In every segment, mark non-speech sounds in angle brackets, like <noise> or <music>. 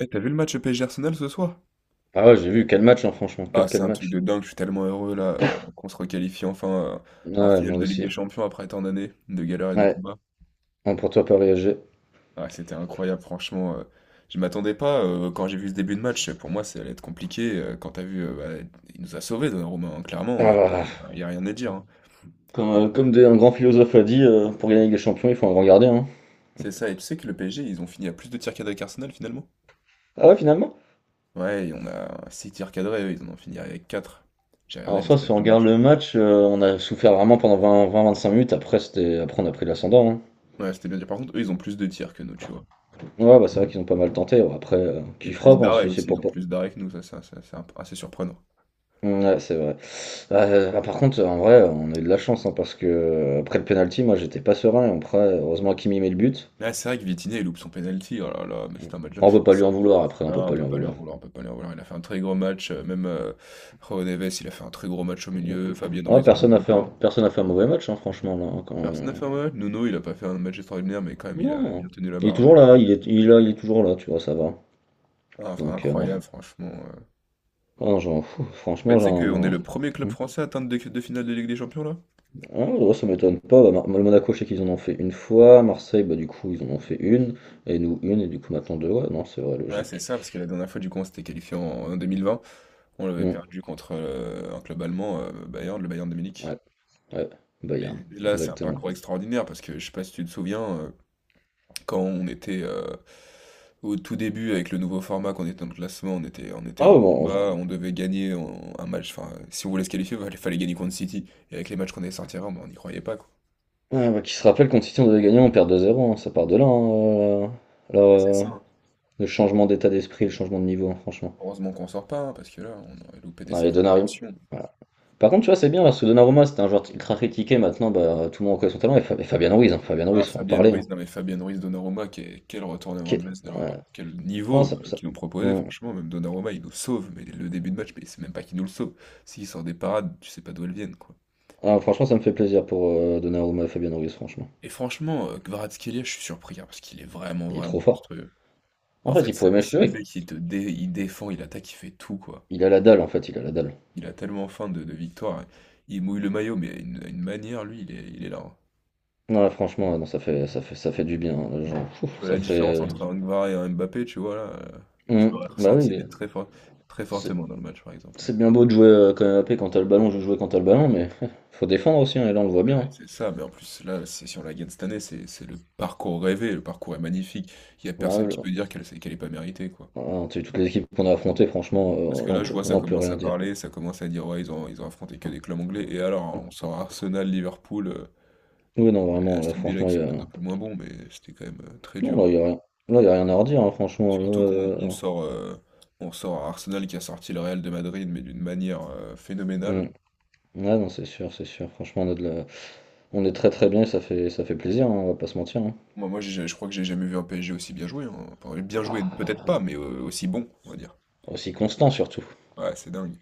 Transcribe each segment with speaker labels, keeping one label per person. Speaker 1: Eh, t'as vu le match PSG Arsenal ce soir?
Speaker 2: Ah ouais, j'ai vu, quel match, hein, franchement,
Speaker 1: Ah,
Speaker 2: quel,
Speaker 1: c'est
Speaker 2: quel
Speaker 1: un truc
Speaker 2: match.
Speaker 1: de dingue, je suis tellement heureux là qu'on se requalifie enfin euh,
Speaker 2: Ah
Speaker 1: en
Speaker 2: ouais,
Speaker 1: finale
Speaker 2: moi
Speaker 1: de Ligue
Speaker 2: aussi.
Speaker 1: des Champions après tant d'années de galères et de
Speaker 2: Ouais,
Speaker 1: combats.
Speaker 2: bon, pour toi, Paris SG.
Speaker 1: Ah, c'était incroyable, franchement. Je m'attendais pas quand j'ai vu ce début de match. Pour moi, ça allait être compliqué. Quand t'as vu, il nous a sauvés, Donnarumma, hein,
Speaker 2: Ah
Speaker 1: clairement.
Speaker 2: voilà.
Speaker 1: Il n'y a rien à dire, hein.
Speaker 2: Comme un grand philosophe a dit, pour gagner la Ligue des Champions, il faut un grand gardien, hein.
Speaker 1: C'est ça, et tu sais que le PSG, ils ont fini à plus de tirs cadrés qu'Arsenal finalement?
Speaker 2: Ah ouais, finalement?
Speaker 1: Ouais, et on a 6 tirs cadrés, eux, ils en ont fini avec 4. J'ai regardé
Speaker 2: Alors,
Speaker 1: les
Speaker 2: soit,
Speaker 1: stats
Speaker 2: si on
Speaker 1: du
Speaker 2: regarde
Speaker 1: match.
Speaker 2: le match, on a souffert vraiment pendant vingt-cinq minutes. Après, on a pris l'ascendant, hein.
Speaker 1: Ouais, c'était bien dit. Par contre, eux, ils ont plus de tirs que nous, tu vois.
Speaker 2: Ouais, bah c'est vrai qu'ils ont pas mal tenté. Ouais, après, qui
Speaker 1: Et plus
Speaker 2: frappe, hein,
Speaker 1: d'arrêts
Speaker 2: si c'est
Speaker 1: aussi,
Speaker 2: pour
Speaker 1: ils ont
Speaker 2: pas.
Speaker 1: plus d'arrêts que nous, ça, assez surprenant.
Speaker 2: Ouais, c'est vrai. Ah, par contre, en vrai, on a eu de la chance, hein, parce que après le penalty, moi, j'étais pas serein. Après, heureusement, Kimi met le but.
Speaker 1: Là, c'est vrai que Vitinha, il loupe son penalty, oh là là, mais c'est un match.
Speaker 2: On peut pas lui
Speaker 1: c'est-
Speaker 2: en vouloir. Après, on peut
Speaker 1: Non, on
Speaker 2: pas lui
Speaker 1: peut
Speaker 2: en
Speaker 1: pas lui en
Speaker 2: vouloir.
Speaker 1: vouloir, on peut pas lui en vouloir. Il a fait un très gros match, même Joao Neves, il a fait un très gros match au milieu, Fabien
Speaker 2: Ouais,
Speaker 1: Ruiz, on n'en
Speaker 2: personne n'a
Speaker 1: parle
Speaker 2: fait un,
Speaker 1: pas.
Speaker 2: personne n'a fait un mauvais match, hein, franchement, là, hein, quand...
Speaker 1: Personne n'a fait un mauvais match. Nuno, il a pas fait un match extraordinaire, mais quand même, il a bien
Speaker 2: Non.
Speaker 1: tenu la
Speaker 2: Il est toujours
Speaker 1: baraque.
Speaker 2: là, il est là, il est toujours là, tu vois, ça va.
Speaker 1: Ah, enfin,
Speaker 2: Donc, non.
Speaker 1: incroyable, franchement.
Speaker 2: Ah, non, genre pff,
Speaker 1: Bah,
Speaker 2: franchement,
Speaker 1: tu sais qu'on est
Speaker 2: genre.
Speaker 1: le premier club français à atteindre deux finales de Ligue des Champions, là?
Speaker 2: Ah, ouais, ça m'étonne pas. Bah, le Monaco, je sais qu'ils en ont fait une fois. Marseille, bah, du coup, ils en ont fait une. Et nous, une. Et du coup, maintenant, deux. Ouais, non, c'est vrai,
Speaker 1: Ouais, c'est
Speaker 2: logique.
Speaker 1: ça, parce que la dernière fois, du coup, on s'était qualifié en 2020. On l'avait
Speaker 2: Hmm,
Speaker 1: perdu contre un club allemand, le Bayern de Munich.
Speaker 2: ouais, ouais.
Speaker 1: Mais
Speaker 2: Bayern,
Speaker 1: là, c'est un
Speaker 2: exactement.
Speaker 1: parcours extraordinaire parce que je sais pas si tu te souviens, quand on était au tout début avec le nouveau format, qu'on était dans le classement, on était
Speaker 2: Ah,
Speaker 1: un
Speaker 2: ouais,
Speaker 1: peu en
Speaker 2: bon.
Speaker 1: bas, on devait gagner un match. Enfin, si on voulait se qualifier, il fallait gagner contre City. Et avec les matchs qu'on allait sortir, avant, ben, on n'y croyait pas, quoi.
Speaker 2: Ah, bah, qui se rappelle quand City, on devait gagner, on perd 2-0, hein. Ça part de là, hein, là,
Speaker 1: C'est
Speaker 2: euh,
Speaker 1: ça, hein.
Speaker 2: le changement d'état d'esprit, le changement de niveau, hein, franchement.
Speaker 1: Heureusement qu'on sort pas, hein, parce que là, on aurait loupé des
Speaker 2: Non, et
Speaker 1: sacrées
Speaker 2: Donnarumma.
Speaker 1: émotions.
Speaker 2: Voilà. Par contre, tu vois, c'est bien parce que Donnarumma, c'était un joueur ultra critiqué. Maintenant, bah, tout le monde reconnaît son talent. Et Fabien Ruiz, hein, Fabien
Speaker 1: Ah,
Speaker 2: Ruiz, faut en
Speaker 1: Fabian
Speaker 2: parler, hein.
Speaker 1: Ruiz, non mais Fabian Ruiz, Donnarumma, quel retournement
Speaker 2: Qui-
Speaker 1: de veste de leur part.
Speaker 2: ouais.
Speaker 1: Quel
Speaker 2: Ah,
Speaker 1: niveau
Speaker 2: ça- ça-
Speaker 1: qu'ils nous proposaient,
Speaker 2: Mm.
Speaker 1: franchement, même Donnarumma, il nous sauve, mais le début de match, mais c'est même pas qu'il nous le sauve. S'il sort des parades, tu sais pas d'où elles viennent, quoi.
Speaker 2: Ah, franchement, ça me fait plaisir pour Donnarumma et Fabien Ruiz, franchement.
Speaker 1: Et franchement, Kvaratskhelia, je suis surpris, hein, parce qu'il est
Speaker 2: Il est trop
Speaker 1: vraiment
Speaker 2: fort.
Speaker 1: monstrueux.
Speaker 2: En
Speaker 1: En
Speaker 2: fait,
Speaker 1: fait,
Speaker 2: il pourrait
Speaker 1: ce
Speaker 2: m'acheter.
Speaker 1: mec, il défend, il attaque, il fait tout, quoi.
Speaker 2: Il a la dalle, en fait, il a la dalle.
Speaker 1: Il a tellement faim de victoire, hein. Il mouille le maillot, mais à une manière, lui, il est là, hein.
Speaker 2: Non, là, franchement, non, ça fait du bien, hein, genre, ouf,
Speaker 1: Tu vois
Speaker 2: ça
Speaker 1: la différence
Speaker 2: fait.
Speaker 1: entre un Kvara et un Mbappé, tu vois là, tu
Speaker 2: Mm.
Speaker 1: l'aurais
Speaker 2: Bah
Speaker 1: ressenti
Speaker 2: oui,
Speaker 1: mais très fort, très
Speaker 2: c'est
Speaker 1: fortement dans le match par exemple.
Speaker 2: c'est bien beau de jouer quand même AP quand t'as le ballon, je veux jouer quand t'as le ballon, mais <laughs> faut défendre aussi, hein, et là, on le voit bien,
Speaker 1: Ouais,
Speaker 2: hein.
Speaker 1: c'est ça, mais en plus là, c'est si on la gagne cette année, c'est le parcours rêvé, le parcours est magnifique. Il y a
Speaker 2: Bah,
Speaker 1: personne qui
Speaker 2: le-
Speaker 1: peut dire qu'elle est pas méritée, quoi.
Speaker 2: Ah, tu sais, toutes les équipes qu'on a affrontées, franchement,
Speaker 1: Parce que
Speaker 2: là, on
Speaker 1: là, je
Speaker 2: peut,
Speaker 1: vois
Speaker 2: là,
Speaker 1: ça
Speaker 2: on peut
Speaker 1: commence
Speaker 2: rien
Speaker 1: à
Speaker 2: dire.
Speaker 1: parler, ça commence à dire ouais, ils ont affronté que des clubs anglais et alors on sort Arsenal, Liverpool,
Speaker 2: Oui, non,
Speaker 1: et
Speaker 2: vraiment, là,
Speaker 1: Aston Villa
Speaker 2: franchement,
Speaker 1: qui
Speaker 2: il y
Speaker 1: sont peut-être
Speaker 2: a...
Speaker 1: un peu moins bons, mais c'était quand même très
Speaker 2: Non, là,
Speaker 1: dur.
Speaker 2: il y a rien... là, il y a rien à redire, hein, franchement.
Speaker 1: Surtout qu'on on sort Arsenal qui a sorti le Real de Madrid mais d'une manière
Speaker 2: Hmm.
Speaker 1: phénoménale.
Speaker 2: Ouais, non, c'est sûr, c'est sûr. Franchement, on a de la- on est très très bien et ça fait plaisir, hein, on va pas se mentir, hein.
Speaker 1: Moi j'ai je crois que j'ai jamais vu un PSG aussi bien joué, hein. Enfin bien joué peut-être pas,
Speaker 2: Bah,
Speaker 1: mais, aussi bon, on va dire.
Speaker 2: aussi constant, surtout.
Speaker 1: Ouais, c'est dingue.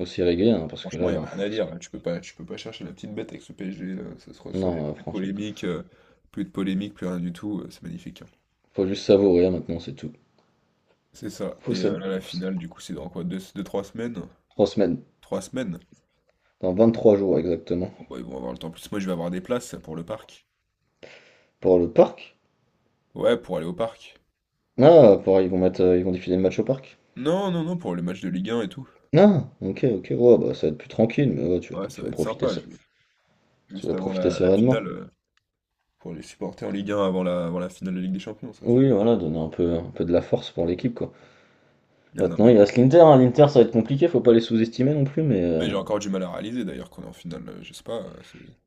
Speaker 2: Aussi régulier, hein, parce que
Speaker 1: Franchement, il y
Speaker 2: là...
Speaker 1: a rien à
Speaker 2: pff,
Speaker 1: dire là, tu peux pas chercher la petite bête avec ce PSG là, ça se ressent, il y a
Speaker 2: non,
Speaker 1: plus de
Speaker 2: franchement,
Speaker 1: polémique, plus rien du tout, c'est magnifique, hein.
Speaker 2: faut juste savourer, hein, maintenant, c'est tout.
Speaker 1: C'est ça
Speaker 2: Faut
Speaker 1: et
Speaker 2: sa-
Speaker 1: là la
Speaker 2: faut sa-
Speaker 1: finale du coup c'est dans quoi? 2 deux trois semaines?
Speaker 2: Trois semaines.
Speaker 1: Trois semaines?
Speaker 2: Dans 23 jours, exactement.
Speaker 1: Bon bah, ils vont avoir le temps. En plus moi je vais avoir des places pour le parc.
Speaker 2: Pour le parc?
Speaker 1: Ouais, pour aller au parc.
Speaker 2: Ah, pour... ils vont diffuser le match au parc.
Speaker 1: Non, non, non, pour les matchs de Ligue 1 et tout.
Speaker 2: Ah! OK, OK. Ouais, bah, ça va être plus tranquille, mais ouais, tu vas
Speaker 1: Ouais, ça
Speaker 2: tu
Speaker 1: va
Speaker 2: vas
Speaker 1: être
Speaker 2: profiter
Speaker 1: sympa,
Speaker 2: se
Speaker 1: je vais
Speaker 2: Tu
Speaker 1: juste
Speaker 2: vas
Speaker 1: avant
Speaker 2: profiter
Speaker 1: la
Speaker 2: sereinement.
Speaker 1: finale, pour les supporter en Ligue 1 avant avant la finale de Ligue des Champions, ça va faire
Speaker 2: Oui, voilà, donner un peu de la force pour l'équipe, quoi.
Speaker 1: plaisir. Non,
Speaker 2: Maintenant, il reste l'Inter, hein. L'Inter, ça va être compliqué, faut pas les sous-estimer non plus, mais
Speaker 1: mais j'ai encore du mal à réaliser d'ailleurs qu'on est en finale, je sais pas.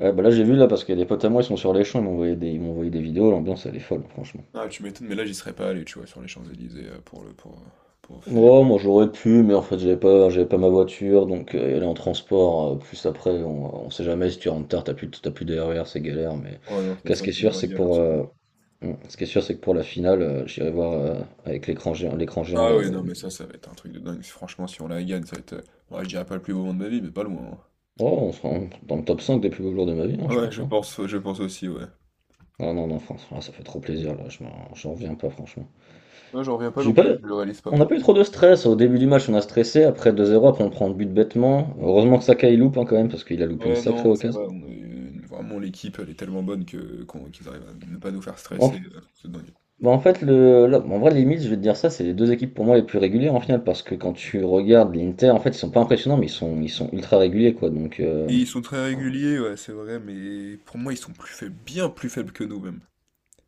Speaker 2: ouais, bah, là, j'ai vu, là, parce qu'il y a des potes à moi, ils sont sur les Champs, ils m'ont envoyé des vidéos, l'ambiance, elle est folle, franchement.
Speaker 1: Ah, tu m'étonnes, mais là j'y serais pas allé, tu vois, sur les Champs-Élysées pour célébrer.
Speaker 2: Oh, moi, j'aurais pu, mais en fait, j'avais pas ma voiture, donc y aller en transport, plus après, on sait jamais, si tu rentres tard, t'as plus de RER, c'est galère, mais
Speaker 1: Ouais, non, c'est
Speaker 2: quest ce
Speaker 1: ça,
Speaker 2: qui est
Speaker 1: c'est une
Speaker 2: sûr,
Speaker 1: vraie
Speaker 2: c'est que
Speaker 1: galère
Speaker 2: pour,
Speaker 1: sans doute.
Speaker 2: Mm. Ce qui est sûr, c'est que pour la finale, j'irai voir avec l'écran géant là.
Speaker 1: Ah oui, non, mais ça va être un truc de dingue. Franchement, si on la gagne, ça va être. Ouais, je dirais pas le plus beau moment de ma vie, mais pas loin.
Speaker 2: Oh, on sera dans le top 5 des plus beaux jours de ma vie, hein, je
Speaker 1: Hein. Ouais,
Speaker 2: pense, hein.
Speaker 1: je pense aussi, ouais.
Speaker 2: Ah non, non, France, ah, ça fait trop plaisir là, j'en reviens pas, franchement.
Speaker 1: Non, j'en reviens pas
Speaker 2: J'ai
Speaker 1: non
Speaker 2: pas...
Speaker 1: plus, je le réalise pas
Speaker 2: On n'a
Speaker 1: pour
Speaker 2: pas eu
Speaker 1: l'instant.
Speaker 2: trop de stress. Au début du match, on a stressé. Après 2-0, après on prend le but bêtement. Heureusement que Saka il loupe, hein, quand même, parce qu'il a loupé une
Speaker 1: Ouais,
Speaker 2: sacrée
Speaker 1: non, ça va,
Speaker 2: occasion.
Speaker 1: on a eu- une- vraiment l'équipe, elle est tellement bonne que qu'ils arrivent à ne pas nous faire
Speaker 2: En,
Speaker 1: stresser,
Speaker 2: f-
Speaker 1: c'est dingue.
Speaker 2: bah, en fait, en vrai, limite, je vais te dire ça, c'est les deux équipes pour moi les plus régulières en finale, parce que quand tu regardes l'Inter, en fait, ils sont pas impressionnants, mais ils sont ultra réguliers, quoi. Donc,
Speaker 1: Ils sont très réguliers, ouais, c'est vrai, mais pour moi, ils sont plus faibles, bien plus faibles que nous même.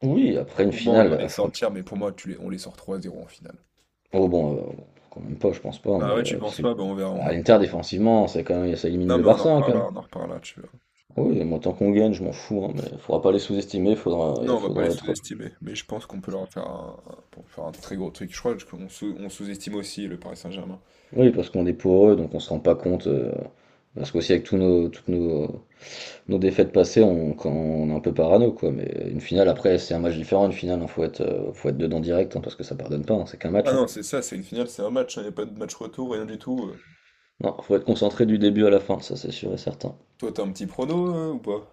Speaker 2: oui, après une
Speaker 1: Pour moi, on
Speaker 2: finale,
Speaker 1: doit les
Speaker 2: faut.
Speaker 1: sortir, mais pour moi, on les sort 3-0 en finale.
Speaker 2: Oh bon, quand même pas, je pense pas,
Speaker 1: Ah
Speaker 2: mais
Speaker 1: ouais, tu y
Speaker 2: parce
Speaker 1: penses
Speaker 2: que
Speaker 1: pas? Ben on verra, on
Speaker 2: à
Speaker 1: en
Speaker 2: l'Inter
Speaker 1: reparlera.
Speaker 2: défensivement, c'est quand même ça élimine
Speaker 1: Non,
Speaker 2: le
Speaker 1: mais
Speaker 2: Barça, hein, quand même.
Speaker 1: on en reparlera, tu verras.
Speaker 2: Oui, moi tant qu'on gagne, je m'en fous, hein, mais faudra pas les sous-estimer, faudra il
Speaker 1: Non, on va pas les
Speaker 2: faudra être
Speaker 1: sous-estimer, mais je pense qu'on peut leur faire pour faire un très gros truc. Je crois on sous-estime aussi le Paris Saint-Germain.
Speaker 2: oui, parce qu'on est eux, donc on se rend pas compte, parce qu'aussi avec tous nos toutes nos nos défaites passées, on quand on est un peu parano, quoi, mais une finale après, c'est un match différent, une finale, hein, faut être dedans direct, hein, parce que ça pardonne pas, hein, c'est qu'un
Speaker 1: Ah
Speaker 2: match, hein.
Speaker 1: non, c'est ça, c'est une finale, c'est un match, il n'y a pas de match retour, rien du tout.
Speaker 2: Non, faut être concentré du début à la fin, ça c'est sûr et certain.
Speaker 1: Toi, t'as un petit prono, ou pas?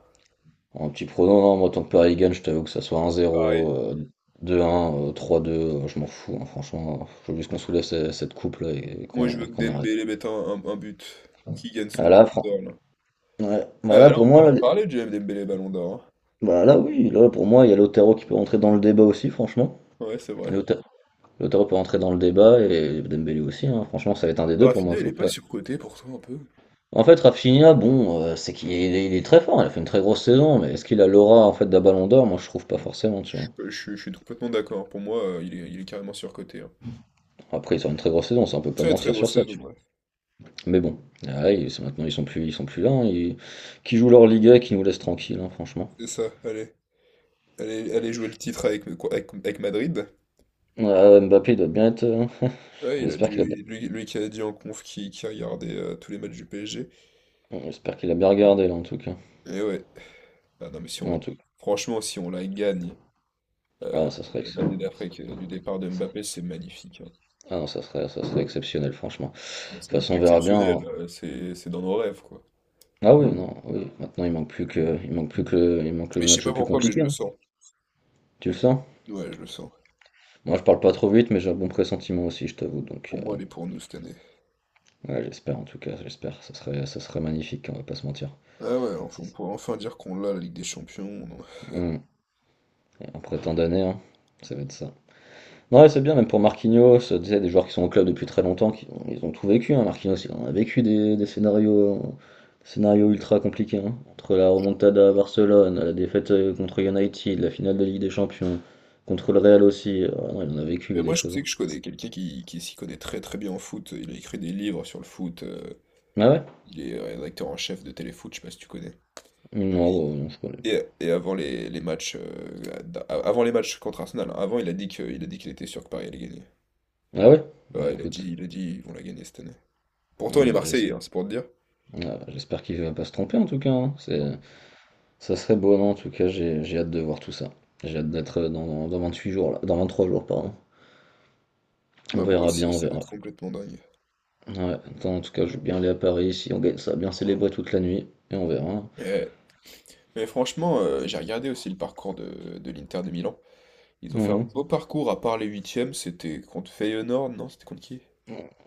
Speaker 2: En petit prono, non, moi, tant que Paris gagne, je t'avoue que ça soit
Speaker 1: Pareil.
Speaker 2: 1-0, 2-1, 3-2, je m'en fous, hein, franchement. Il faut juste qu'on soulève cette coupe là et
Speaker 1: Moi, je
Speaker 2: qu'on et
Speaker 1: veux que
Speaker 2: qu'on arrête.
Speaker 1: Dembélé mette un but. Qui gagne
Speaker 2: Ah
Speaker 1: son
Speaker 2: là,
Speaker 1: Ballon d'Or, là.
Speaker 2: ouais.
Speaker 1: Ah
Speaker 2: Bah
Speaker 1: bah
Speaker 2: là,
Speaker 1: là,
Speaker 2: pour
Speaker 1: on peut
Speaker 2: moi,
Speaker 1: en
Speaker 2: là,
Speaker 1: reparler du Dembélé Ballon d'Or.
Speaker 2: bah là, oui, là, pour moi, il y a Lautaro qui peut rentrer dans le débat aussi, franchement.
Speaker 1: Hein. Ouais, c'est vrai.
Speaker 2: Lauta- Lautaro peut rentrer dans le débat et Dembélé aussi, hein. Franchement, ça va être un des deux pour moi,
Speaker 1: Rafinha,
Speaker 2: je
Speaker 1: il
Speaker 2: vois
Speaker 1: est pas
Speaker 2: pas.
Speaker 1: surcoté pour toi un peu?
Speaker 2: En fait, Rafinha, bon, c'est qu'il est très fort, il a fait une très grosse saison, mais est-ce qu'il a l'aura en fait d'un Ballon d'Or? Moi, je trouve pas forcément, tu vois.
Speaker 1: Je suis complètement d'accord. Pour moi, il est carrément surcoté, hein.
Speaker 2: Après, il sort une très grosse saison, ça on peut pas
Speaker 1: Très très
Speaker 2: mentir sur
Speaker 1: grosse
Speaker 2: ça,
Speaker 1: saison,
Speaker 2: tu.
Speaker 1: ouais.
Speaker 2: Mais bon, ah, ouais, maintenant ils sont plus là, hein, qui jouent leur Liga et qui nous laissent tranquille, hein, franchement.
Speaker 1: C'est ça, allez. Allez, allez jouer le titre avec Madrid.
Speaker 2: Ah, Mbappé il doit bien être, <laughs>
Speaker 1: Ouais, il a
Speaker 2: j'espère qu'il a bien,
Speaker 1: dû, lui qui a dit en conf qui regardait tous les matchs du PSG.
Speaker 2: regardé là en tout cas.
Speaker 1: Et ouais. Ah non, mais si on la...
Speaker 2: En tout cas.
Speaker 1: Franchement, si on la gagne
Speaker 2: Ah,
Speaker 1: euh, du départ de Mbappé, c'est magnifique, hein.
Speaker 2: ah non, ça serait exceptionnel, franchement. De toute
Speaker 1: C'est même
Speaker 2: façon,
Speaker 1: pas
Speaker 2: on verra bien,
Speaker 1: exceptionnel,
Speaker 2: hein.
Speaker 1: c'est dans nos rêves, quoi.
Speaker 2: Ah oui, non, oui. Maintenant, il manque plus que, il manque le
Speaker 1: Mais je sais
Speaker 2: match le
Speaker 1: pas
Speaker 2: plus
Speaker 1: pourquoi, mais je
Speaker 2: compliqué,
Speaker 1: le
Speaker 2: hein.
Speaker 1: sens.
Speaker 2: Tu le sens?
Speaker 1: Ouais, je le sens.
Speaker 2: Moi, je parle pas trop vite, mais j'ai un bon pressentiment aussi, je t'avoue. Donc,
Speaker 1: Pour moi, elle est pour nous cette année.
Speaker 2: ouais, j'espère en tout cas, j'espère. Ça serait magnifique, hein, on va pas se mentir.
Speaker 1: Ah ouais, enfin, on
Speaker 2: C'est-
Speaker 1: pourrait enfin dire qu'on l'a, la Ligue des Champions. On
Speaker 2: Hmm. Et après tant d'années, hein, ça va être ça. Ouais, c'est bien, même pour Marquinhos, tu sais, des joueurs qui sont au club depuis très longtemps, ils ont tout vécu, hein. Marquinhos, il en a vécu des scénarios ultra compliqués, hein. Entre la remontada à Barcelone, la défaite contre United, la finale de Ligue des Champions, contre le Real aussi. Ah non, il en a vécu
Speaker 1: Mais
Speaker 2: lui, des
Speaker 1: moi, je
Speaker 2: choses,
Speaker 1: sais
Speaker 2: hein.
Speaker 1: que je connais quelqu'un qui s'y connaît très très bien en foot. Il a écrit des livres sur le foot.
Speaker 2: Ah ouais?
Speaker 1: Il est rédacteur en chef de Téléfoot, je sais pas si tu connais.
Speaker 2: Mmh, non, bon, non, je connais.
Speaker 1: Et avant les matchs, avant les matchs contre Arsenal, hein, avant, il a dit que, il a dit qu'il était sûr que Paris allait gagner.
Speaker 2: Ah ouais? Bah
Speaker 1: Ouais,
Speaker 2: écoute,
Speaker 1: il a dit, ils vont la gagner cette année. Pourtant, il
Speaker 2: donc,
Speaker 1: est
Speaker 2: bah,
Speaker 1: Marseillais,
Speaker 2: j'espère
Speaker 1: hein, c'est pour te dire.
Speaker 2: ah, j'espère qu'il va pas se tromper en tout cas, hein.
Speaker 1: Non.
Speaker 2: Ça serait beau, non, en tout cas, j'ai hâte de voir tout ça. J'ai hâte d'être dans 8 jours, là, dans 23 jours, pardon. On
Speaker 1: Bah, moi
Speaker 2: verra bien,
Speaker 1: aussi,
Speaker 2: on
Speaker 1: ça va
Speaker 2: verra.
Speaker 1: être complètement dingue.
Speaker 2: Ouais, attends, en tout cas, je veux bien aller à Paris si on gagne ça, bien célébrer toute la nuit, et on verra, hein.
Speaker 1: Eh, Mais franchement, j'ai regardé aussi le parcours de l'Inter de Milan. Ils ont fait un
Speaker 2: Mhm.
Speaker 1: beau parcours, à part les huitièmes, c'était contre Feyenoord, non? C'était contre qui?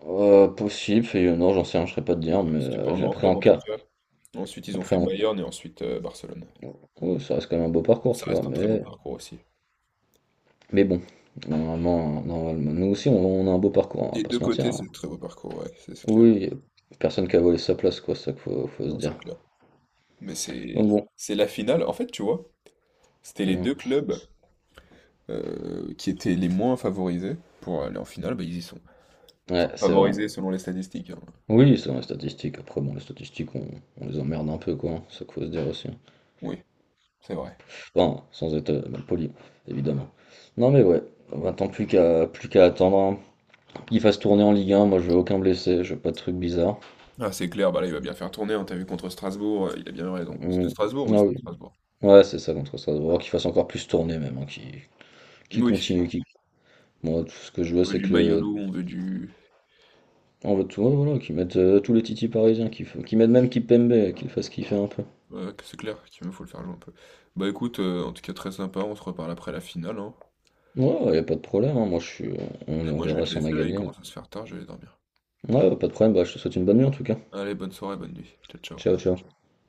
Speaker 2: Possible, et non, j'en sais rien, je serais pas te dire, mais
Speaker 1: C'était pas un grand
Speaker 2: après
Speaker 1: club
Speaker 2: en
Speaker 1: en tout
Speaker 2: cas.
Speaker 1: cas. Ensuite, ils ont
Speaker 2: Après
Speaker 1: fait
Speaker 2: en...
Speaker 1: Bayern et ensuite Barcelone.
Speaker 2: ouais, ça reste quand même un beau parcours,
Speaker 1: Ça
Speaker 2: tu vois,
Speaker 1: reste un très beau
Speaker 2: mais,
Speaker 1: parcours aussi.
Speaker 2: bon, normalement, normalement, nous aussi, on a un beau parcours, on va
Speaker 1: Des
Speaker 2: pas
Speaker 1: deux
Speaker 2: se mentir,
Speaker 1: côtés,
Speaker 2: hein.
Speaker 1: c'est un très beau parcours, ouais, c'est clair.
Speaker 2: Oui, y a personne qui a volé sa place, quoi, c'est ça qu'il faut, se
Speaker 1: Non, c'est
Speaker 2: dire.
Speaker 1: clair. Mais c'est
Speaker 2: Donc bon,
Speaker 1: c'est la finale. En fait, tu vois, c'était les
Speaker 2: ouais,
Speaker 1: deux clubs qui étaient les moins favorisés pour aller en finale, bah, ils y sont.
Speaker 2: ouais,
Speaker 1: Enfin,
Speaker 2: c'est vrai.
Speaker 1: favorisés selon les statistiques, hein.
Speaker 2: Oui, c'est dans les statistiques, après, bon, les statistiques, on les emmerde un peu, quoi, hein, c'est ça qu'il faut se dire aussi.
Speaker 1: Oui, c'est vrai.
Speaker 2: Enfin, sans être mal poli, évidemment. Non mais ouais, maintenant plus qu'à attendre, hein. Qu'ils fassent tourner en Ligue 1, moi je veux aucun blessé, je veux pas de trucs bizarres.
Speaker 1: Ah, c'est clair, bah là, il va bien faire tourner, hein, t'as vu contre Strasbourg, il a bien raison.
Speaker 2: Mm. Ah oui.
Speaker 1: C'était Strasbourg.
Speaker 2: Ouais, c'est ça contre ça, voir qu'ils fassent encore plus tourner même, hein, qui qu'ils
Speaker 1: Oui,
Speaker 2: continuent, moi tout ce que je veux
Speaker 1: on veut
Speaker 2: c'est
Speaker 1: du
Speaker 2: que le...
Speaker 1: Mayolo, on veut du.
Speaker 2: On veut tout, ouais, voilà, qu'ils mettent tous les titis parisiens, qu'ils mettent même Kipembe, qu'ils le fassent kiffer un peu.
Speaker 1: Ouais, que c'est clair qu'il me faut le faire jouer un peu. Bah écoute, en tout cas très sympa, on se reparle après la finale, hein.
Speaker 2: Ouais, ouais, y a pas de problème, hein, moi je suis... On,
Speaker 1: Et
Speaker 2: on
Speaker 1: moi je vais
Speaker 2: verra
Speaker 1: te
Speaker 2: si on a
Speaker 1: laisser là, il
Speaker 2: gagné, hein.
Speaker 1: commence à se faire tard, je vais aller dormir.
Speaker 2: Ouais, ouais, pas de problème, bah je te souhaite une bonne nuit en tout cas.
Speaker 1: Allez, bonne soirée, bonne nuit. Ciao, ciao.
Speaker 2: Ciao, ciao.